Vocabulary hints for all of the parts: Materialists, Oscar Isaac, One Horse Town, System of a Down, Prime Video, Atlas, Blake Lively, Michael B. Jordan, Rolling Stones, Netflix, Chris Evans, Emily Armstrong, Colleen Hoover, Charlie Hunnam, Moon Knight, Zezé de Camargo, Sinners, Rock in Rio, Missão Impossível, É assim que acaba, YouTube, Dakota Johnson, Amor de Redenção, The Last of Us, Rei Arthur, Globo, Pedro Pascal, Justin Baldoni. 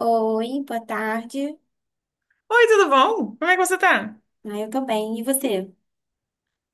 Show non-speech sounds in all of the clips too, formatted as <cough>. Oi, boa tarde. Oi, tudo bom? Como é que você tá? Eu tô bem. E você?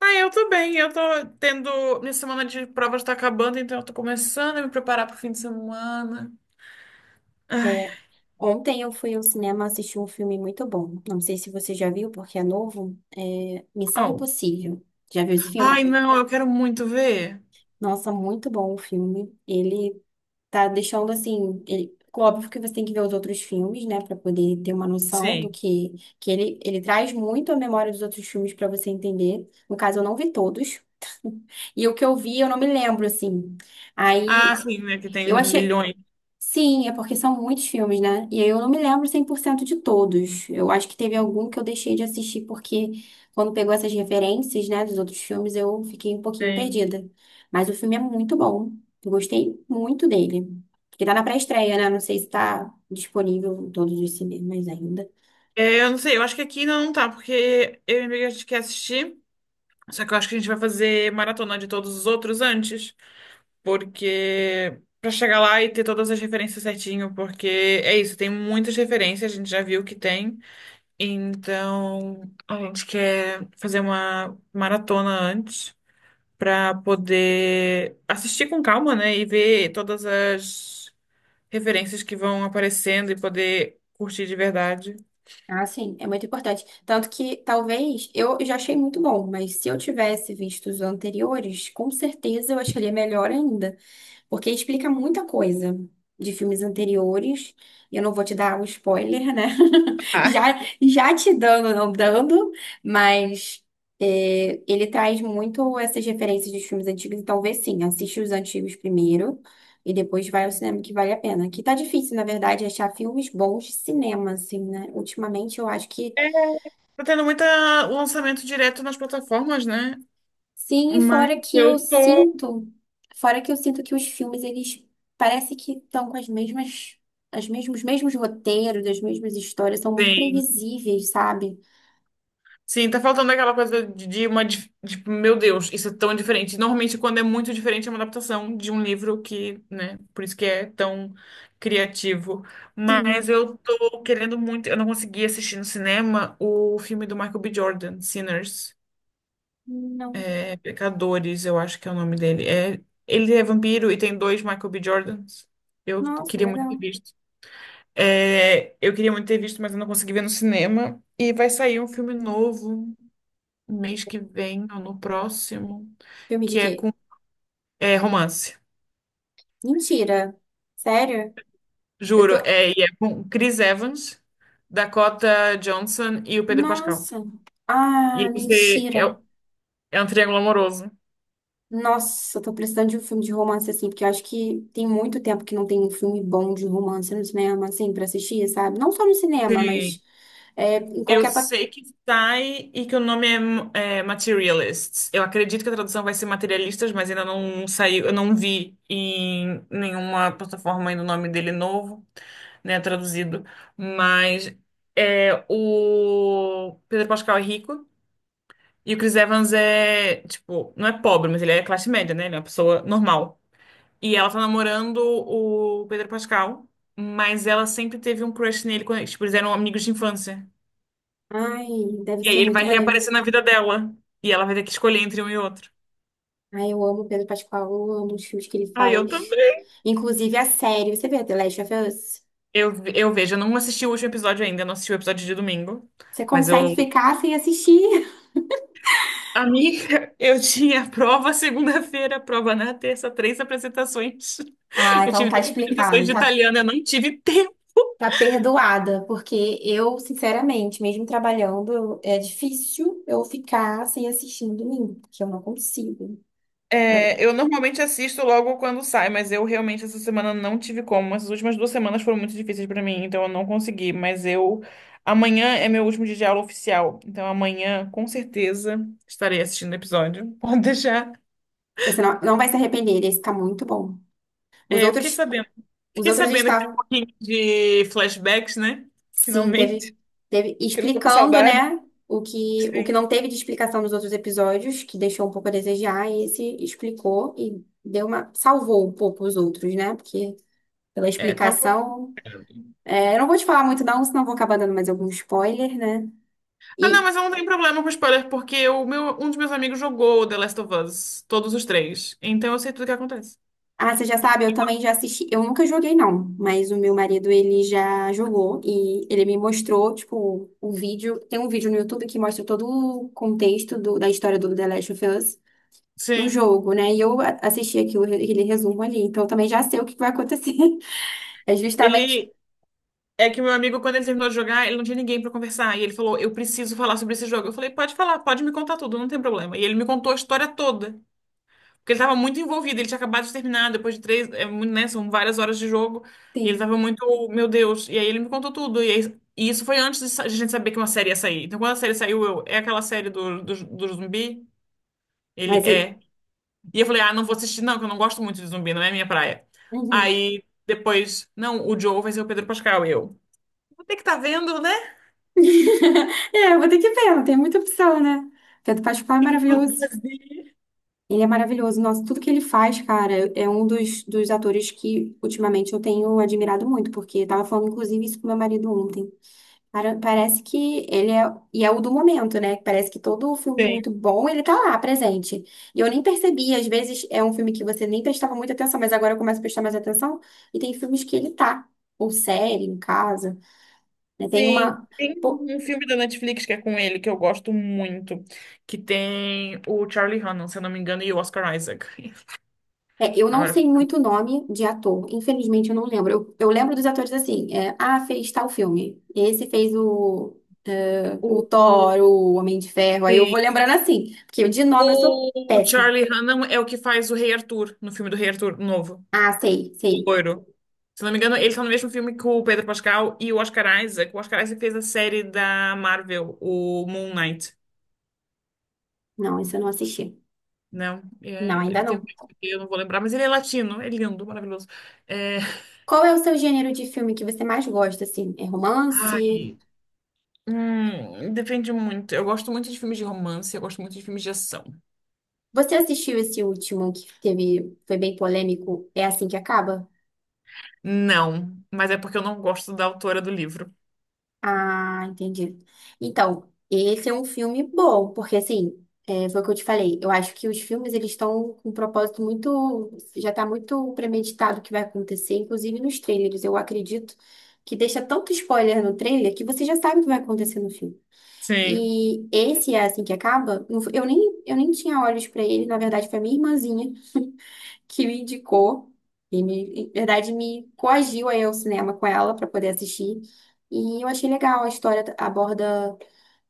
Ah, eu tô bem. Eu tô tendo. Minha semana de provas tá acabando, então eu tô começando a me preparar pro fim de semana. Ah, É, Ontem eu fui ao cinema assistir um filme muito bom. Não sei se você já viu, porque é novo. É Missão au. Impossível. Já viu esse Ai, filme? não, eu quero muito ver. Nossa, muito bom o filme. Ele tá deixando assim. Óbvio que você tem que ver os outros filmes, né, pra poder ter uma noção do Sim. que que ele traz muito a memória dos outros filmes pra você entender. No caso, eu não vi todos. <laughs> E o que eu vi, eu não me lembro assim. Ah, Aí sim, né? Que eu tem achei milhões. Sim, é porque são muitos filmes, né? E aí eu não me lembro 100% de todos. Eu acho que teve algum que eu deixei de assistir porque quando pegou essas referências, né, dos outros filmes, eu fiquei um pouquinho Tem. perdida. Mas o filme é muito bom. Eu gostei muito dele. Porque tá na pré-estreia, né? Não sei se tá disponível em todos os cinemas ainda. É, eu não sei, eu acho que aqui ainda não tá, porque eu e minha amiga a gente quer assistir. Só que eu acho que a gente vai fazer maratona de todos os outros antes. Porque. Pra chegar lá e ter todas as referências certinho, porque é isso, tem muitas referências, a gente já viu que tem. Então, a gente quer fazer uma maratona antes para poder assistir com calma, né? E ver todas as referências que vão aparecendo e poder curtir de verdade. Ah, sim, é muito importante. Tanto que talvez eu já achei muito bom, mas se eu tivesse visto os anteriores, com certeza eu acharia melhor ainda, porque explica muita coisa de filmes anteriores. E eu não vou te dar o spoiler, né? <laughs> Ah, Já, já te dando, não dando, mas é, ele traz muito essas referências dos filmes antigos. Então, vê sim, assiste os antigos primeiro e depois vai ao cinema que vale a pena. Que tá difícil, na verdade, achar filmes bons de cinema, assim, né? Ultimamente eu acho que é, tá tendo muito lançamento direto nas plataformas, né? Sim, e Mas eu tô. Fora que eu sinto que os filmes, eles parece que estão com as mesmas, as mesmos, os mesmos roteiros, as mesmas histórias, são muito Sim. previsíveis, sabe? Sim, tá faltando aquela coisa de tipo, meu Deus, isso é tão diferente. Normalmente, quando é muito diferente, é uma adaptação de um livro que, né, por isso que é tão criativo. Mas Sim, eu tô querendo muito. Eu não consegui assistir no cinema o filme do Michael B. Jordan, Sinners, não. é, Pecadores, eu acho que é o nome dele. É, ele é vampiro e tem dois Michael B. Jordans. Eu Nossa, queria muito ter legal. visto. É, eu queria muito ter visto, mas eu não consegui ver no cinema. E vai sair um filme novo mês que vem ou no próximo, Filme de que é quê? com, é romance. Mentira. Sério? Eu Juro, tô. é, e é com Chris Evans, Dakota Johnson e o Pedro Pascal. Nossa. Ah, E você é, mentira. é um triângulo amoroso. Nossa, eu tô precisando de um filme de romance, assim, porque eu acho que tem muito tempo que não tem um filme bom de romance no cinema, assim, pra assistir, sabe? Não só no cinema, mas Sim, é, em eu qualquer... pla- sei que sai e que o nome é Materialists. Eu acredito que a tradução vai ser Materialistas, mas ainda não saiu, eu não vi em nenhuma plataforma ainda o nome dele novo, né, traduzido. Mas é, o Pedro Pascal é rico e o Chris Evans é, tipo, não é pobre, mas ele é classe média, né? Ele é uma pessoa normal. E ela tá namorando o Pedro Pascal, mas ela sempre teve um crush nele, quando, tipo, eles eram amigos de infância. Ai, deve E aí ser ele muito vai maneiro. reaparecer na vida dela. E ela vai ter que escolher entre um e outro. Ai, eu amo o Pedro Pascal, eu amo os filmes que ele Ah, eu faz. também. Inclusive a série, você vê The Last of Us? Eu vejo, eu não assisti o último episódio ainda, eu não assisti o episódio de domingo. Você Mas consegue eu. ficar sem assistir? <laughs> Amiga, <laughs> eu tinha prova segunda-feira, prova na terça, três apresentações. Ah, Eu então tive tá três apresentações explicado, de tá. italiano, eu não tive tempo. Tá perdoada, porque eu, sinceramente, mesmo trabalhando, eu- é difícil eu ficar sem assistir no domingo, porque eu não consigo. Eu- É, eu normalmente assisto logo quando sai, mas eu realmente essa semana não tive como. Essas últimas duas semanas foram muito difíceis pra mim, então eu não consegui. Mas eu. Amanhã é meu último dia de aula oficial, então amanhã com certeza estarei assistindo o episódio. <laughs> Pode deixar. Você não vai se arrepender, esse tá muito bom. Os É, eu fiquei outros, sabendo. os Fiquei outros sabendo que tem um estavam, pouquinho de flashbacks, né? sim, Finalmente. <laughs> teve Que eu já tô com explicando, saudade. né, o Sim. que não teve de explicação nos outros episódios, que deixou um pouco a desejar, e esse explicou e deu uma, salvou um pouco os outros, né, porque pela É, tá um pouco. explicação, é, eu não vou te falar muito não, senão eu vou acabar dando mais algum spoiler, né, Ah, não, e mas eu não tenho problema com spoiler, porque o meu, um dos meus amigos jogou The Last of Us, todos os três. Então eu sei tudo o que acontece. Ah, você já sabe, eu também já assisti. Eu nunca joguei, não, mas o meu marido, ele já jogou e ele me mostrou, tipo, o vídeo. Tem um vídeo no YouTube que mostra todo o contexto do- da história do The Last of Us no Sim. jogo, né? E eu a- assisti aquilo, aquele resumo ali, então eu também já sei o que vai acontecer. <laughs> É justamente. Ele. É que meu amigo, quando ele terminou de jogar, ele não tinha ninguém pra conversar. E ele falou: eu preciso falar sobre esse jogo. Eu falei: pode falar, pode me contar tudo, não tem problema. E ele me contou a história toda. Porque ele tava muito envolvido, ele tinha acabado de terminar, depois de três, é, né, são várias horas de jogo. E ele Sim, tava muito, meu Deus. E aí ele me contou tudo. E isso foi antes de, de a gente saber que uma série ia sair. Então quando a série saiu, eu: é aquela série do zumbi? Ele mas. É- é. E eu falei: ah, não vou assistir, não, que eu não gosto muito de zumbi, não é minha praia. Uhum. Aí depois, não, o Joe vai ser o Pedro Pascal, eu. Tem que estar vendo, né? O <laughs> É, eu vou ter que ver, não tem muita opção, né? Pedro Pascal é que que eu posso maravilhoso. fazer? Ele é maravilhoso. Nossa, tudo que ele faz, cara, é um dos atores que ultimamente eu tenho admirado muito, porque eu tava falando, inclusive, isso com meu marido ontem. Cara, parece que ele é, e é o do momento, né? Parece que todo filme Tem. muito bom, ele tá lá, presente. E eu nem percebi, às vezes é um filme que você nem prestava muita atenção, mas agora eu começo a prestar mais atenção, e tem filmes que ele tá, ou série, em casa, né? Tem uma. Sim, tem um filme da Netflix que é com ele, que eu gosto muito, que tem o Charlie Hunnam, se eu não me engano, e o Oscar Isaac. É, <laughs> eu não Agora, sei muito nome de ator, infelizmente eu não lembro. Eu lembro dos atores assim, é, ah, fez tal filme. Esse fez o o, o- Thor, o Homem de Ferro. Aí eu sim. vou lembrando assim, porque de nome eu sou O péssima. Charlie Hunnam é o que faz o Rei Arthur, no filme do Rei Arthur novo, Ah, sei, o sei. loiro. Se eu não me engano, ele tá no mesmo filme que o Pedro Pascal e o Oscar Isaac. O Oscar Isaac fez a série da Marvel, o Moon Knight. Não, esse eu não assisti. Não, é, Não, ainda ele tem um não. nome que eu não vou lembrar, mas ele é latino, é lindo, maravilhoso. É, Qual é o seu gênero de filme que você mais gosta, assim? É romance? ai, depende muito. Eu gosto muito de filmes de romance, eu gosto muito de filmes de ação. Você assistiu esse último que teve, foi bem polêmico? É assim que acaba? Não, mas é porque eu não gosto da autora do livro. Ah, entendi. Então, esse é um filme bom, porque assim, é, foi o que eu te falei. Eu acho que os filmes eles estão com um propósito muito, já tá muito premeditado o que vai acontecer, inclusive nos trailers. Eu acredito que deixa tanto spoiler no trailer que você já sabe o que vai acontecer no filme. Sim. E esse é assim que acaba. Não foi- eu nem tinha olhos pra ele, na verdade foi a minha irmãzinha que me indicou e me, em verdade, me coagiu a ir ao cinema com ela para poder assistir. E eu achei legal, a história aborda,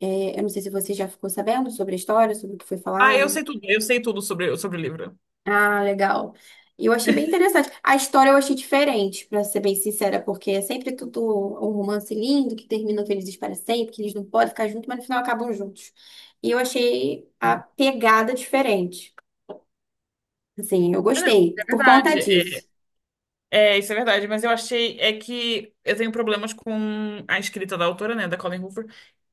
é, eu não sei se você já ficou sabendo sobre a história, sobre o que foi Ah, falado. Eu sei tudo sobre o livro. Ah, legal. E eu achei bem interessante. A história eu achei diferente, para ser bem sincera, porque é sempre tudo um romance lindo que termina felizes para sempre, que eles não podem ficar juntos, mas no final acabam juntos. E eu achei a pegada diferente. Assim, eu gostei É por conta verdade. disso. É, isso é verdade, mas eu achei é que eu tenho problemas com a escrita da autora, né, da Colleen Hoover,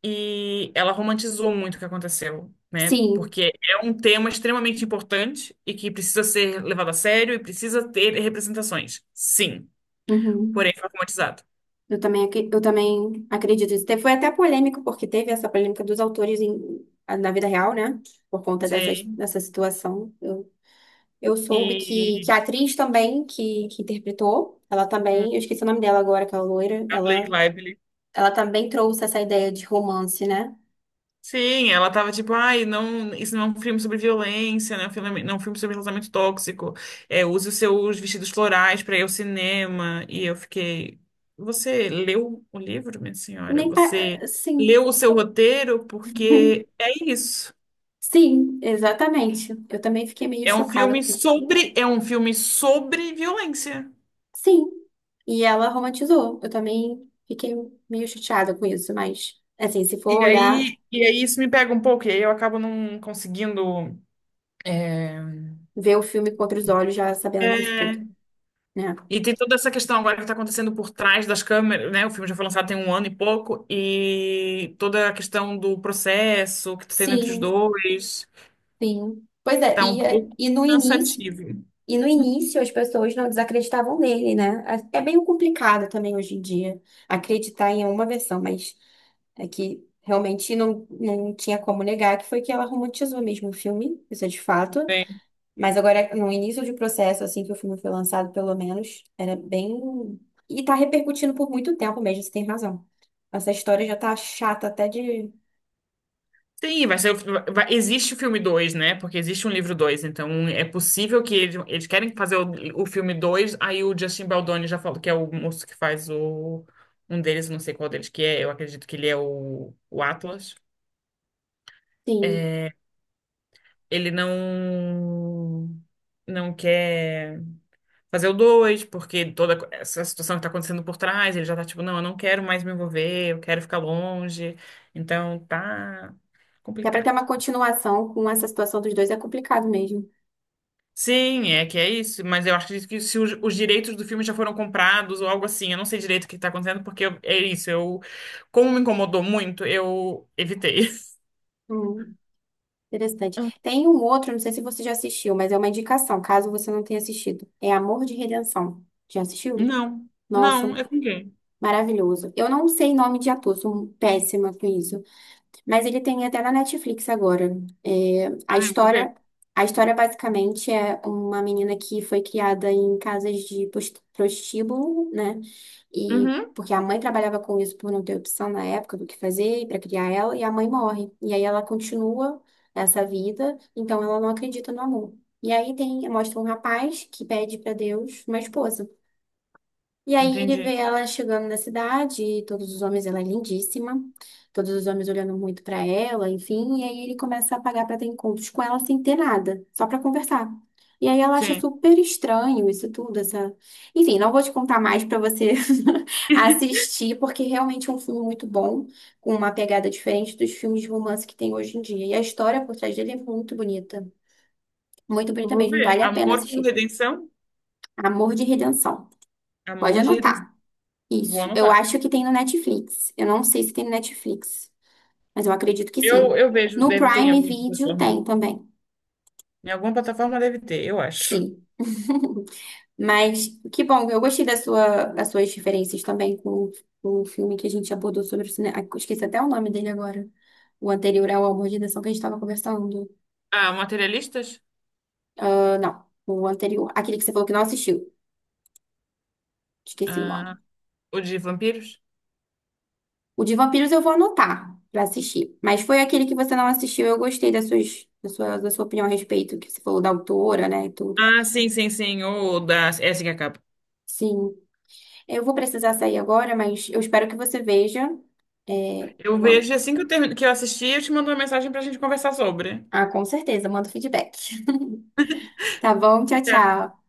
e ela romantizou muito o que aconteceu, né? Sim. Porque é um tema extremamente importante e que precisa ser levado a sério e precisa ter representações. Sim, Uhum. porém foi romantizado. Eu também acredito nisso. Te- Foi até polêmico, porque teve essa polêmica dos autores em- na vida real, né? Por conta Sim. dessa situação. Eu soube que E a atriz também, que interpretou, ela hum, também, eu esqueci o nome dela agora, aquela loira, a Blake ela, Lively. ela também trouxe essa ideia de romance, né? Sim, ela tava tipo, ai, não, isso não é um filme sobre violência, né? Um filme, não é um filme sobre relacionamento tóxico. É, use os seus vestidos florais para ir ao cinema. E eu fiquei, você leu o livro, minha senhora? Nem pa... Você Sim. leu o seu roteiro? Porque <laughs> é isso. Sim, exatamente. Eu também fiquei meio É um chocada filme com isso. sobre, é um filme sobre violência. Sim. E ela romantizou. Eu também fiquei meio chateada com isso, mas assim, se for E olhar, aí, e aí isso me pega um pouco, e aí eu acabo não conseguindo. eh, ver o filme com outros olhos, já sabendo disso tudo, né? E tem toda essa questão agora que está acontecendo por trás das câmeras, né? O filme já foi lançado tem um ano e pouco, e toda a questão do processo que está tendo entre os Sim, dois sim. Pois é, tá um e, é- pouco e no início, cansativo, e no início, as pessoas não desacreditavam nele, né? É é meio complicado também hoje em dia acreditar em uma versão, mas é que realmente não tinha como negar que foi que ela romantizou mesmo o filme, isso é de fato. né? Mas agora, no início do processo, assim que o filme foi lançado, pelo menos, era bem. E tá repercutindo por muito tempo mesmo, você tem razão. Essa história já tá chata até de Sim, vai ser, existe o filme dois, né? Porque existe um livro dois, então é possível que eles, querem fazer o filme dois, aí o Justin Baldoni já falou, que é o moço que faz, o um deles, não sei qual deles que é, eu acredito que ele é o Atlas. Sim. Ele não não quer fazer o dois, porque toda essa situação que tá acontecendo por trás, ele já tá tipo, não, eu não quero mais me envolver, eu quero ficar longe. Então tá Dá para ter complicado. uma continuação com essa situação dos dois, é complicado mesmo. Sim, é que é isso, mas eu acho que se os direitos do filme já foram comprados ou algo assim, eu não sei direito o que tá acontecendo, porque é isso, eu, como me incomodou muito, eu evitei. <laughs> Hum, interessante. Tem um outro, não sei se você já assistiu, mas é uma indicação, caso você não tenha assistido. É Amor de Redenção. Já assistiu? Não, Nossa, não, é com quem? maravilhoso. Eu não sei nome de ator, sou péssima com isso. Mas ele tem até na Netflix agora. É, a Ah, eu vou ver. história, a história basicamente é uma menina que foi criada em casas de pos- prostíbulo, né? E Uhum, porque a mãe trabalhava com isso por não ter opção na época do que fazer para criar ela, e a mãe morre. E aí ela continua essa vida, então ela não acredita no amor. E aí tem, mostra um rapaz que pede para Deus uma esposa. E aí ele vê entendi. ela chegando na cidade, e todos os homens, ela é lindíssima, todos os homens olhando muito pra ela, enfim, e aí ele começa a pagar pra ter encontros com ela sem ter nada, só pra conversar. E aí ela acha Sim. super estranho isso tudo, essa... Enfim, não vou te contar mais pra você <laughs> assistir, porque realmente é um filme muito bom, com uma pegada diferente dos filmes de romance que tem hoje em dia. E a história por trás dele é muito Eu bonita vou mesmo, ver. vale a pena Amor com assistir. redenção? Amor de Redenção. Pode Amor de redenção. anotar. Vou Isso. Eu anotar. acho que tem no Netflix. Eu não sei se tem no Netflix, mas eu acredito que Eu, sim. eu vejo, No deve ter em Prime alguma Video plataforma. tem também. Em alguma plataforma deve ter, eu acho. Sim. <laughs> Mas que bom, eu gostei da sua, das suas diferenças também com o filme que a gente abordou sobre o cinema. Esqueci até o nome dele agora. O anterior ao Amor de Deção que a gente estava conversando. Ah, materialistas? Ah, não, o anterior. Aquele que você falou que não assistiu. Esqueci o nome. Ah, o de vampiros? O de vampiros eu vou anotar pra assistir. Mas foi aquele que você não assistiu, eu gostei da sua opinião a respeito, que você falou da autora, né, e tudo. Ah, sim, sim, sim. O da. Essa que acaba. Sim. Eu vou precisar sair agora, mas eu espero que você veja. É, Eu o am- vejo assim que eu, termino, que eu assistir, eu te mando uma mensagem pra gente conversar sobre. Ah, com certeza, manda o feedback. <laughs> Tá bom? Tchau, tchau.